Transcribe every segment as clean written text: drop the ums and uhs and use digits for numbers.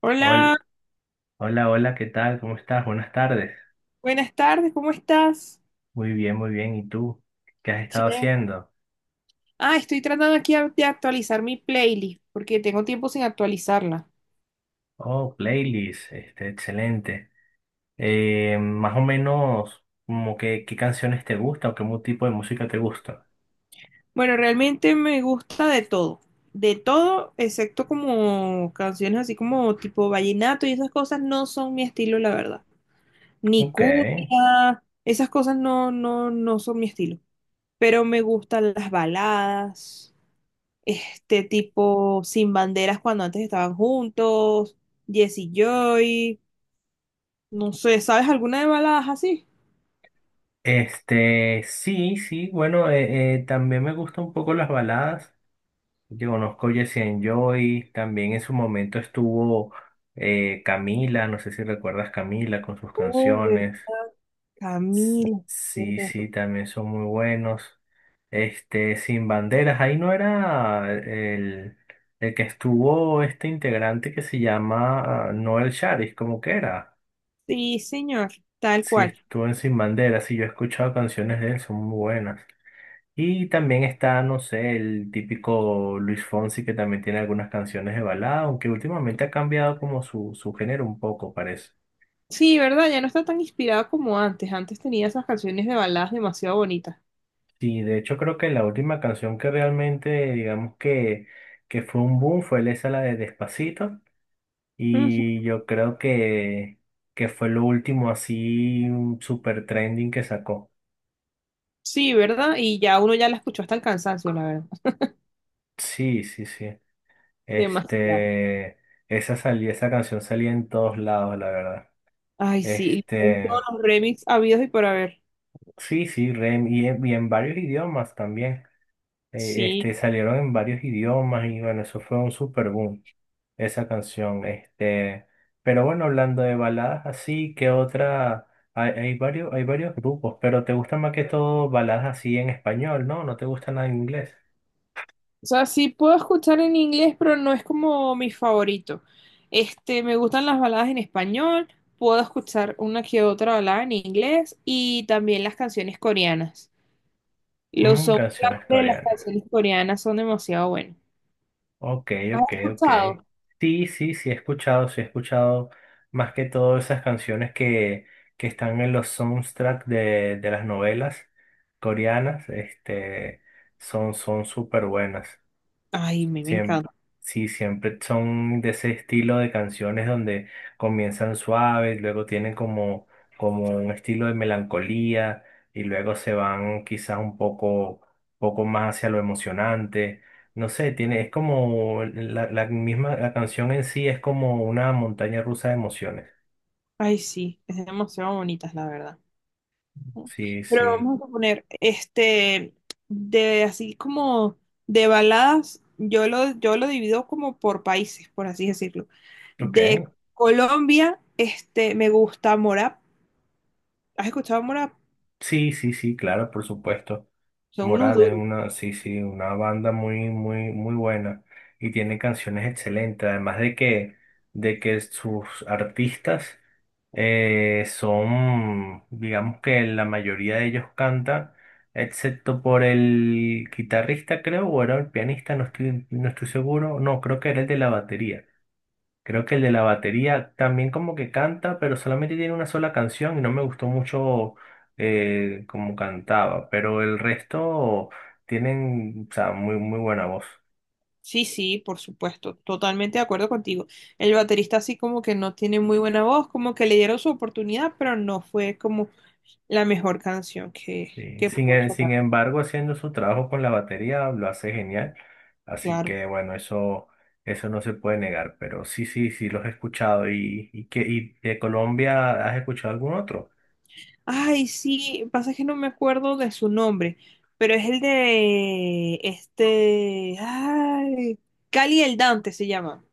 Hola, Hol- Hola, hola, ¿qué tal? ¿Cómo estás? Buenas tardes. buenas tardes, ¿cómo estás? Muy bien, muy bien. ¿Y tú? ¿Qué has Sí. estado haciendo? Estoy tratando aquí de actualizar mi playlist porque tengo tiempo sin actualizarla. Oh, playlist, este, excelente. Más o menos, como que, ¿qué canciones te gustan o qué tipo de música te gusta? Bueno, realmente me gusta de todo, excepto como canciones así como tipo vallenato y esas cosas no son mi estilo, la verdad. Ni Ok. cumbia, esas cosas no, no, no son mi estilo. Pero me gustan las baladas, este tipo Sin Banderas cuando antes estaban juntos, Jesse Joy. No sé, ¿sabes alguna de baladas así? Este, sí, sí, bueno, también me gustan un poco las baladas. Yo conozco Jesse and Joy, también en su momento estuvo Camila, no sé si recuerdas Camila con sus Uy, canciones. Camila, Sí, ¿verdad? sí, también son muy buenos. Este, Sin Banderas, ahí no era el que estuvo este integrante que se llama ah, Noel Charis, como que era. Sí, señor, tal Sí, cual. estuvo en Sin Banderas, sí, yo he escuchado canciones de él, son muy buenas. Y también está, no sé, el típico Luis Fonsi que también tiene algunas canciones de balada, aunque últimamente ha cambiado como su género un poco, parece. Sí, ¿verdad? Ya no está tan inspirada como antes. Antes tenía esas canciones de baladas demasiado bonitas. Sí, de hecho creo que la última canción que realmente, digamos que fue un boom fue esa la de Despacito Ujú. y yo creo que fue lo último así un super trending que sacó. Sí, ¿verdad? Y ya uno ya la escuchó hasta el cansancio, la verdad. Sí, sí, sí. Demasiado. Este, esa canción salía en todos lados, la verdad. Ay, sí, con todos Este, los remix habidos y por haber. sí, sí, y en varios idiomas también. Sí, Este, salieron en varios idiomas y bueno, eso fue un super boom, esa canción. Este, pero bueno, hablando de baladas así, ¿qué otra? Hay varios, hay varios grupos, pero te gustan más que todo baladas así en español, ¿no? ¿No te gusta nada en inglés? o sea, sí puedo escuchar en inglés, pero no es como mi favorito. Este, me gustan las baladas en español, puedo escuchar una que otra balada en inglés y también las canciones coreanas. Los Mm, canciones soundtracks de las coreanas. canciones coreanas son demasiado buenos. Ok, ¿Has ok. escuchado? Sí, sí, sí he escuchado más que todo esas canciones que están en los soundtracks de las novelas coreanas, este, son súper buenas. Ay, me Siem- encanta. sí, siempre son de ese estilo de canciones donde comienzan suaves, luego tienen como un estilo de melancolía y luego se van quizás un poco más hacia lo emocionante. No sé, tiene, es como la misma, la canción en sí es como una montaña rusa de emociones. Ay, sí, es demasiado bonitas, la verdad. Sí, Pero sí. vamos a poner, este, de así como de baladas, yo lo divido como por países, por así decirlo. Ok. De Colombia, este, me gusta Morap. ¿Has escuchado Morap? Sí, sí, sí, claro, por supuesto. Son unos Morat es duros. una, sí, sí, una banda muy, muy, muy buena y tiene canciones excelentes, además de que sus artistas son, digamos que la mayoría de ellos cantan, excepto por el guitarrista, creo, o era el pianista, no estoy seguro, no, creo que era el de la batería. Creo que el de la batería también como que canta, pero solamente tiene una sola canción y no me gustó mucho como cantaba. Pero el resto tienen, o sea, muy, muy buena voz. Sí, sí, por supuesto, totalmente de acuerdo contigo. El baterista así como que no tiene muy buena voz, como que le dieron su oportunidad, pero no fue como la mejor canción que, Sí. que pudo sacar, Sin embargo, haciendo su trabajo con la batería lo hace genial. Así claro. que bueno, eso no se puede negar. Pero sí, sí, sí los he escuchado. Y de Colombia has escuchado algún otro? Ay, sí, pasa que no me acuerdo de su nombre, pero es el de este, ay, Cali el Dante se llama.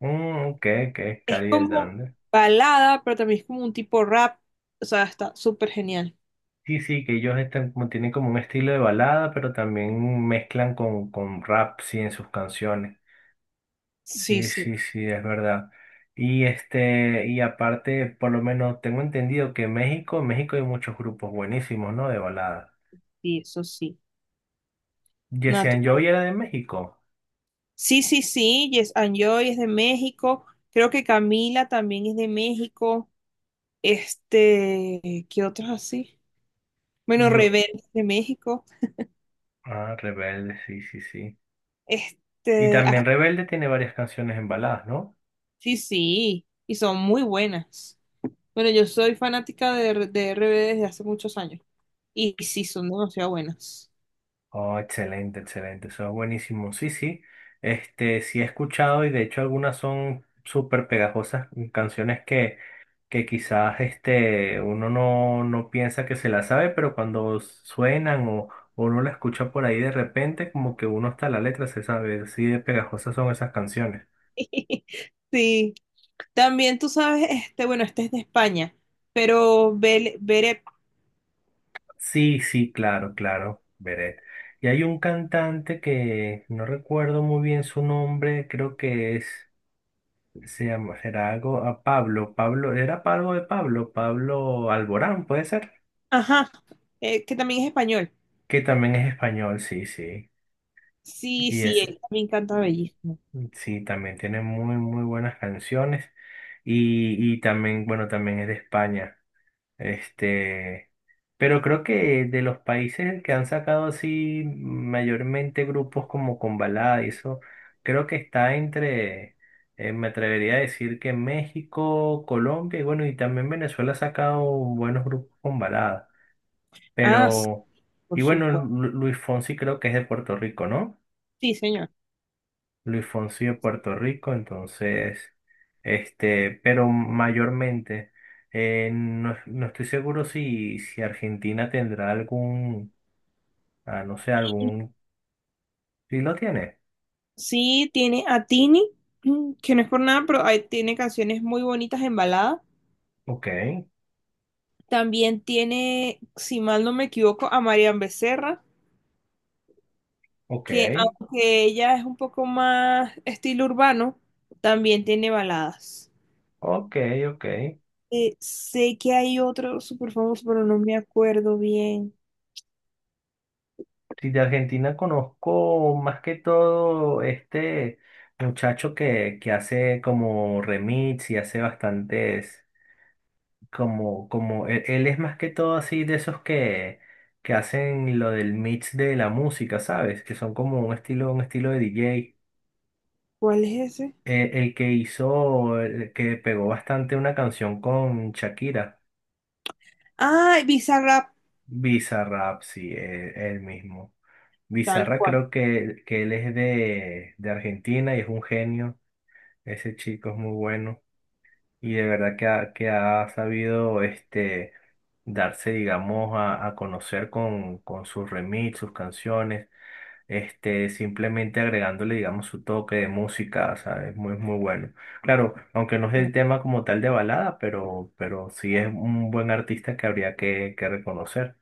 Mm, ok, Es Cali como Hernández. balada, pero también es como un tipo rap, o sea, está súper genial. Sí, sí, que ellos están, tienen como un estilo de balada, pero también mezclan con rap, sí, en sus canciones. Sí, Sí, sí, sí, sí, es verdad. Y aparte, por lo menos tengo entendido que en México hay muchos grupos buenísimos, ¿no? De balada. sí, eso sí. Jesse Joy Natural. era de México. Sí, sí, sí, Yes and Joy es de México, creo que Camila también es de México, este, ¿qué otros así? Bueno, Yo, Rebelde es de México. ah, Rebelde, sí, sí, sí. Y Este, también Rebelde tiene varias canciones en baladas, ¿no? sí, sí, y son muy buenas. Bueno, yo soy fanática de RBD desde hace muchos años y sí, son demasiado buenas. Oh, excelente, excelente, eso es buenísimo. Sí, sí, este, sí he escuchado y de hecho algunas son súper pegajosas, mm, canciones que quizás este, uno no, no piensa que se las sabe, pero cuando suenan o uno la escucha por ahí de repente, como que uno hasta la letra se sabe, así de pegajosas son esas canciones. Sí, también tú sabes, este, bueno, este es de España, pero Bere, Sí, sí, claro, claro, Beret. Y hay un cantante que no recuerdo muy bien su nombre, creo que es... Será algo a Pablo. Pablo, era Pablo, Pablo Alborán, puede ser. ajá, que también es español. Que también es español, sí, sí. Sí, Y sí, él ese también canta bellísimo. sí, también tiene muy, muy buenas canciones. Y también, bueno, también es de España. Este, pero creo que de los países que han sacado así mayormente grupos como con balada y eso, creo que está entre, me atrevería a decir que México, Colombia y bueno, y también Venezuela ha sacado buenos grupos con balada. Ah, sí, Pero, por y bueno, supuesto. Luis Fonsi creo que es de Puerto Rico, ¿no? Sí, señor. Luis Fonsi de Puerto Rico, entonces, este, pero mayormente, no, no estoy seguro si Argentina tendrá algún, ah, no sé, algún, si lo tiene. Sí, tiene a Tini, que no es por nada, pero ahí tiene canciones muy bonitas en balada. Ok, También tiene, si mal no me equivoco, a Marian Becerra, ok, que aunque ella es un poco más estilo urbano, también tiene baladas. ok, ok. Sé que hay otro súper famoso, pero no me acuerdo bien. Sí, de Argentina conozco más que todo este muchacho que hace como remix y hace bastantes. Como él es más que todo así de esos que hacen lo del mix de la música, ¿sabes? Que son como un estilo de DJ. ¿Cuál es ese? El que hizo, el que pegó bastante una canción con Shakira, Ah, Bizarrap, Bizarrap, sí, él mismo. tal Bizarra cual. creo que él es de Argentina y es un genio. Ese chico es muy bueno. Y de verdad que que ha sabido este, darse, digamos, a conocer con sus remix, sus canciones, este, simplemente agregándole, digamos, su toque de música, ¿sabes? Muy, muy bueno. Claro, aunque no es el tema como tal de balada, pero sí es un buen artista que habría que reconocer.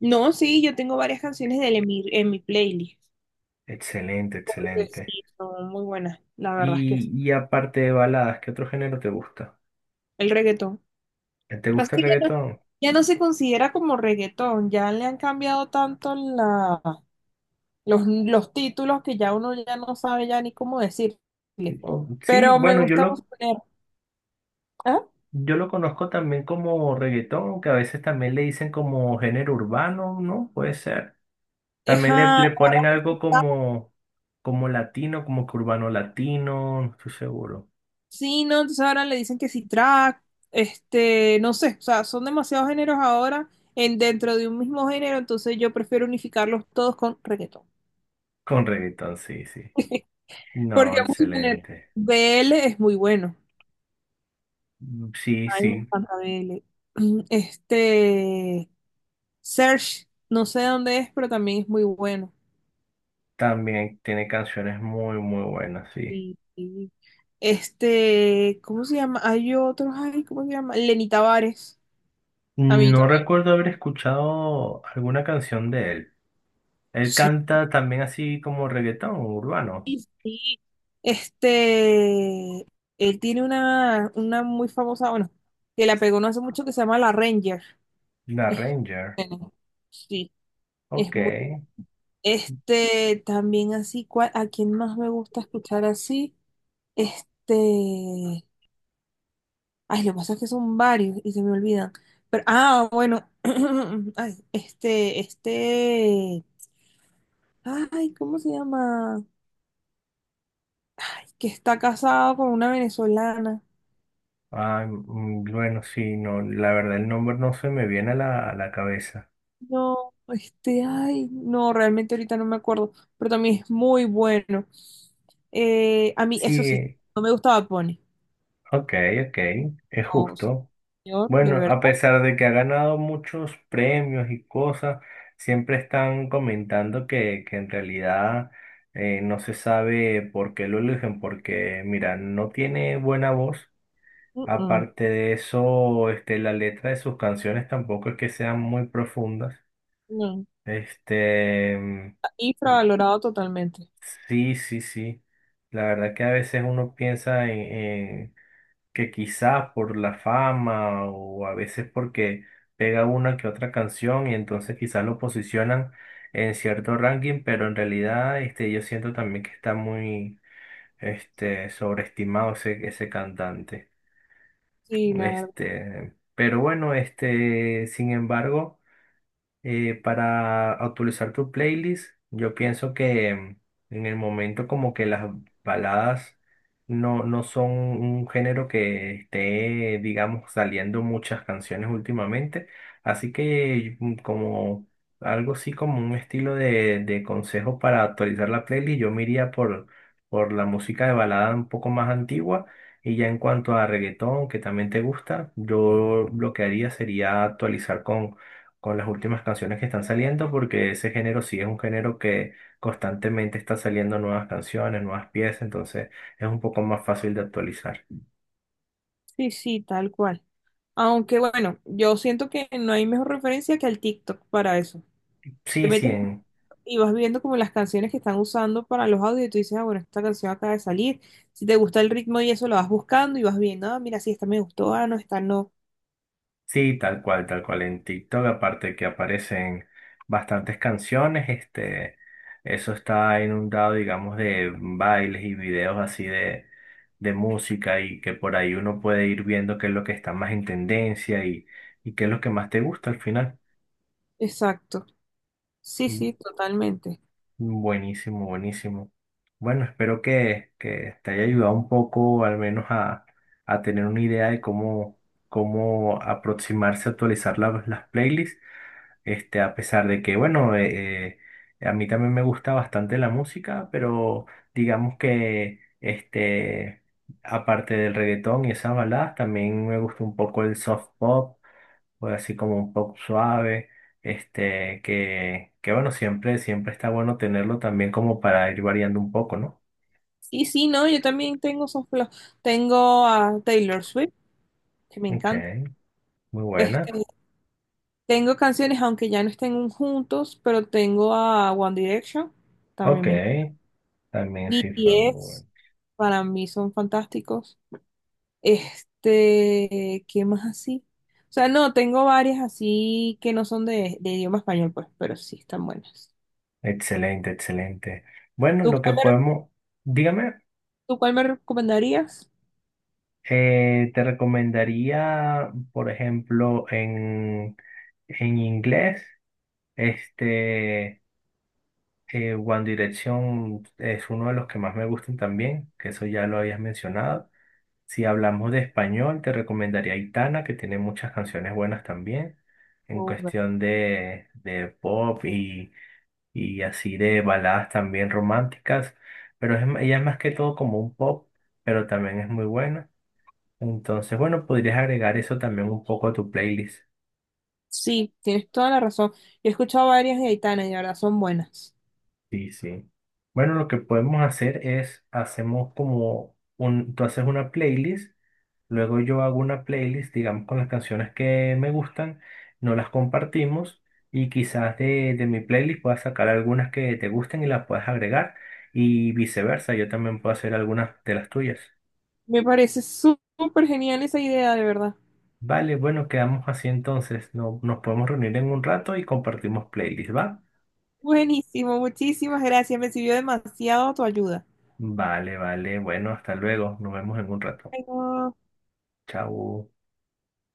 No, sí, yo tengo varias canciones de él en mi playlist. Excelente, Porque excelente. sí, son muy buenas, la verdad es que Y, es y aparte de baladas, ¿qué otro género te gusta? el reggaetón. ¿Te Pasa gusta el que ya no, reggaetón? ya no se considera como reggaetón, ya le han cambiado tanto la, los títulos que ya uno ya no sabe ya ni cómo decirle. Oh, sí, Pero me bueno, yo gusta lo. poner, ¿ah? Yo lo conozco también como reggaetón, que a veces también le dicen como género urbano, ¿no? Puede ser. También Ajá, le ponen algo como latino, como que urbano latino, no estoy seguro. sí, no, entonces ahora le dicen que si track, este, no sé, o sea, son demasiados géneros ahora en dentro de un mismo género, entonces yo prefiero unificarlos todos con reggaetón. Con reggaetón, sí, sí. No, Porque vamos a poner excelente. BL es muy bueno. Mm, sí, Ay, me sí. encanta BL. Este, Search, no sé dónde es, pero también es muy bueno. También tiene canciones muy, muy buenas, sí. Y, y, este, ¿cómo se llama? Hay otros, ay, ¿cómo se llama? Lenny Tavares. A mí No también. recuerdo haber escuchado alguna canción de él. Él Sí. canta también así como reggaetón, urbano. Este, él tiene una muy famosa, bueno, que la pegó no hace mucho que se llama La Ranger. La Es Ranger. bueno, sí, es Ok. muy. Este, también así, ¿cuál- ¿a quién más me gusta escuchar así? Este, ay, lo que pasa es que son varios y se me olvidan. Pero, ah, bueno, ay, ay, ¿cómo se llama? Que está casado con una venezolana. Ah, mm, bueno, sí, no, la verdad el nombre no se me viene a a la cabeza. No, este, ay, no, realmente ahorita no me acuerdo, pero también es muy bueno. A mí, eso sí, Sí, no me gustaba Pony. ok, ok, es No, justo. señor, de Bueno, a verdad. pesar de que ha ganado muchos premios y cosas, siempre están comentando que en realidad no se sabe por qué lo eligen, porque mira, no tiene buena voz. Mm, mm, Aparte de eso, este, la letra de sus canciones tampoco es que sean muy profundas. no, Este. está infravalorado totalmente. Sí, sí, sí. La verdad que a veces uno piensa en que quizás por la fama o a veces porque pega una que otra canción y entonces quizás lo posicionan en cierto ranking, pero en realidad este, yo siento también que está muy este, sobreestimado ese cantante. Sí, la verdad. Este, pero bueno, este, sin embargo. Para actualizar tu playlist, yo pienso que em, en el momento como que las baladas no son un género que esté, digamos, saliendo muchas canciones últimamente. Así que mm, como algo así como un estilo de consejo para actualizar la playlist, yo me iría por la música de balada un poco más antigua. Y ya en cuanto a reggaetón, que también te gusta, yo lo que haría sería actualizar con las últimas canciones que están saliendo, porque ese género sí es un género que constantemente está saliendo nuevas canciones, nuevas piezas, entonces es un poco más fácil de actualizar. Sí, sí, tal cual. Aunque bueno, yo siento que no hay mejor referencia que el TikTok para eso. Te Sí, sí, metes en- y vas viendo como las canciones que están usando para los audios y tú dices, ah, bueno, esta canción acaba de salir. Si te gusta el ritmo y eso, lo vas buscando y vas viendo, ah, mira, sí, esta me gustó, ah, no, esta no. sí, tal cual, tal cual. En TikTok, aparte que aparecen bastantes canciones, este, eso está inundado, digamos, de bailes y videos así de música y que por ahí uno puede ir viendo qué es lo que está más en tendencia y qué es lo que más te gusta al final. Exacto. Sí, sí, totalmente. Buenísimo, buenísimo. Bueno, espero que te haya ayudado un poco, al menos a tener una idea de cómo, cómo aproximarse a actualizar la- las playlists. Este, a pesar de que, bueno, a mí también me gusta bastante la música, pero digamos que, este, aparte del reggaetón y esas baladas, también me gusta un poco el soft pop, pues así como un pop suave, este, que bueno, siempre, siempre está bueno tenerlo también como para ir variando un poco, ¿no? Sí, sí, no, yo también tengo esos tengo a Taylor Swift, que me Ok, encanta. muy buena. Este, tengo canciones, aunque ya no estén juntos, pero tengo a One Direction, también Ok, me encanta. también sí fue muy buena. BTS, para mí son fantásticos. Este, ¿qué más así? O sea, no, tengo varias así que no son de idioma español, pues, pero sí están buenas. Excelente, excelente. Bueno, ¿Tú lo que cuál, podemos, dígame, ¿tú cuál me recomendarías? Te recomendaría, por ejemplo, en inglés, este, One Direction es uno de los que más me gustan también, que eso ya lo habías mencionado. Si hablamos de español, te recomendaría Aitana, que tiene muchas canciones buenas también, en cuestión de pop y así de baladas también románticas, pero ella es más que todo como un pop, pero también es muy buena. Entonces, bueno, podrías agregar eso también un poco a tu playlist. Sí, tienes toda la razón. He escuchado varias de Aitana y de verdad son buenas. Sí, sí. Bueno, lo que podemos hacer es, hacemos como un, tú haces una playlist, luego yo hago una playlist, digamos, con las canciones que me gustan, no las compartimos y quizás de mi playlist puedas sacar algunas que te gusten y las puedas agregar y viceversa, yo también puedo hacer algunas de las tuyas. Me parece súper genial esa idea, de verdad. Vale, bueno, quedamos así entonces, no, nos podemos reunir en un rato y compartimos playlist, ¿va? Buenísimo, muchísimas gracias. Me sirvió demasiado tu ayuda. Vale, vale, bueno, hasta luego, nos vemos en un rato. Bueno. Chao.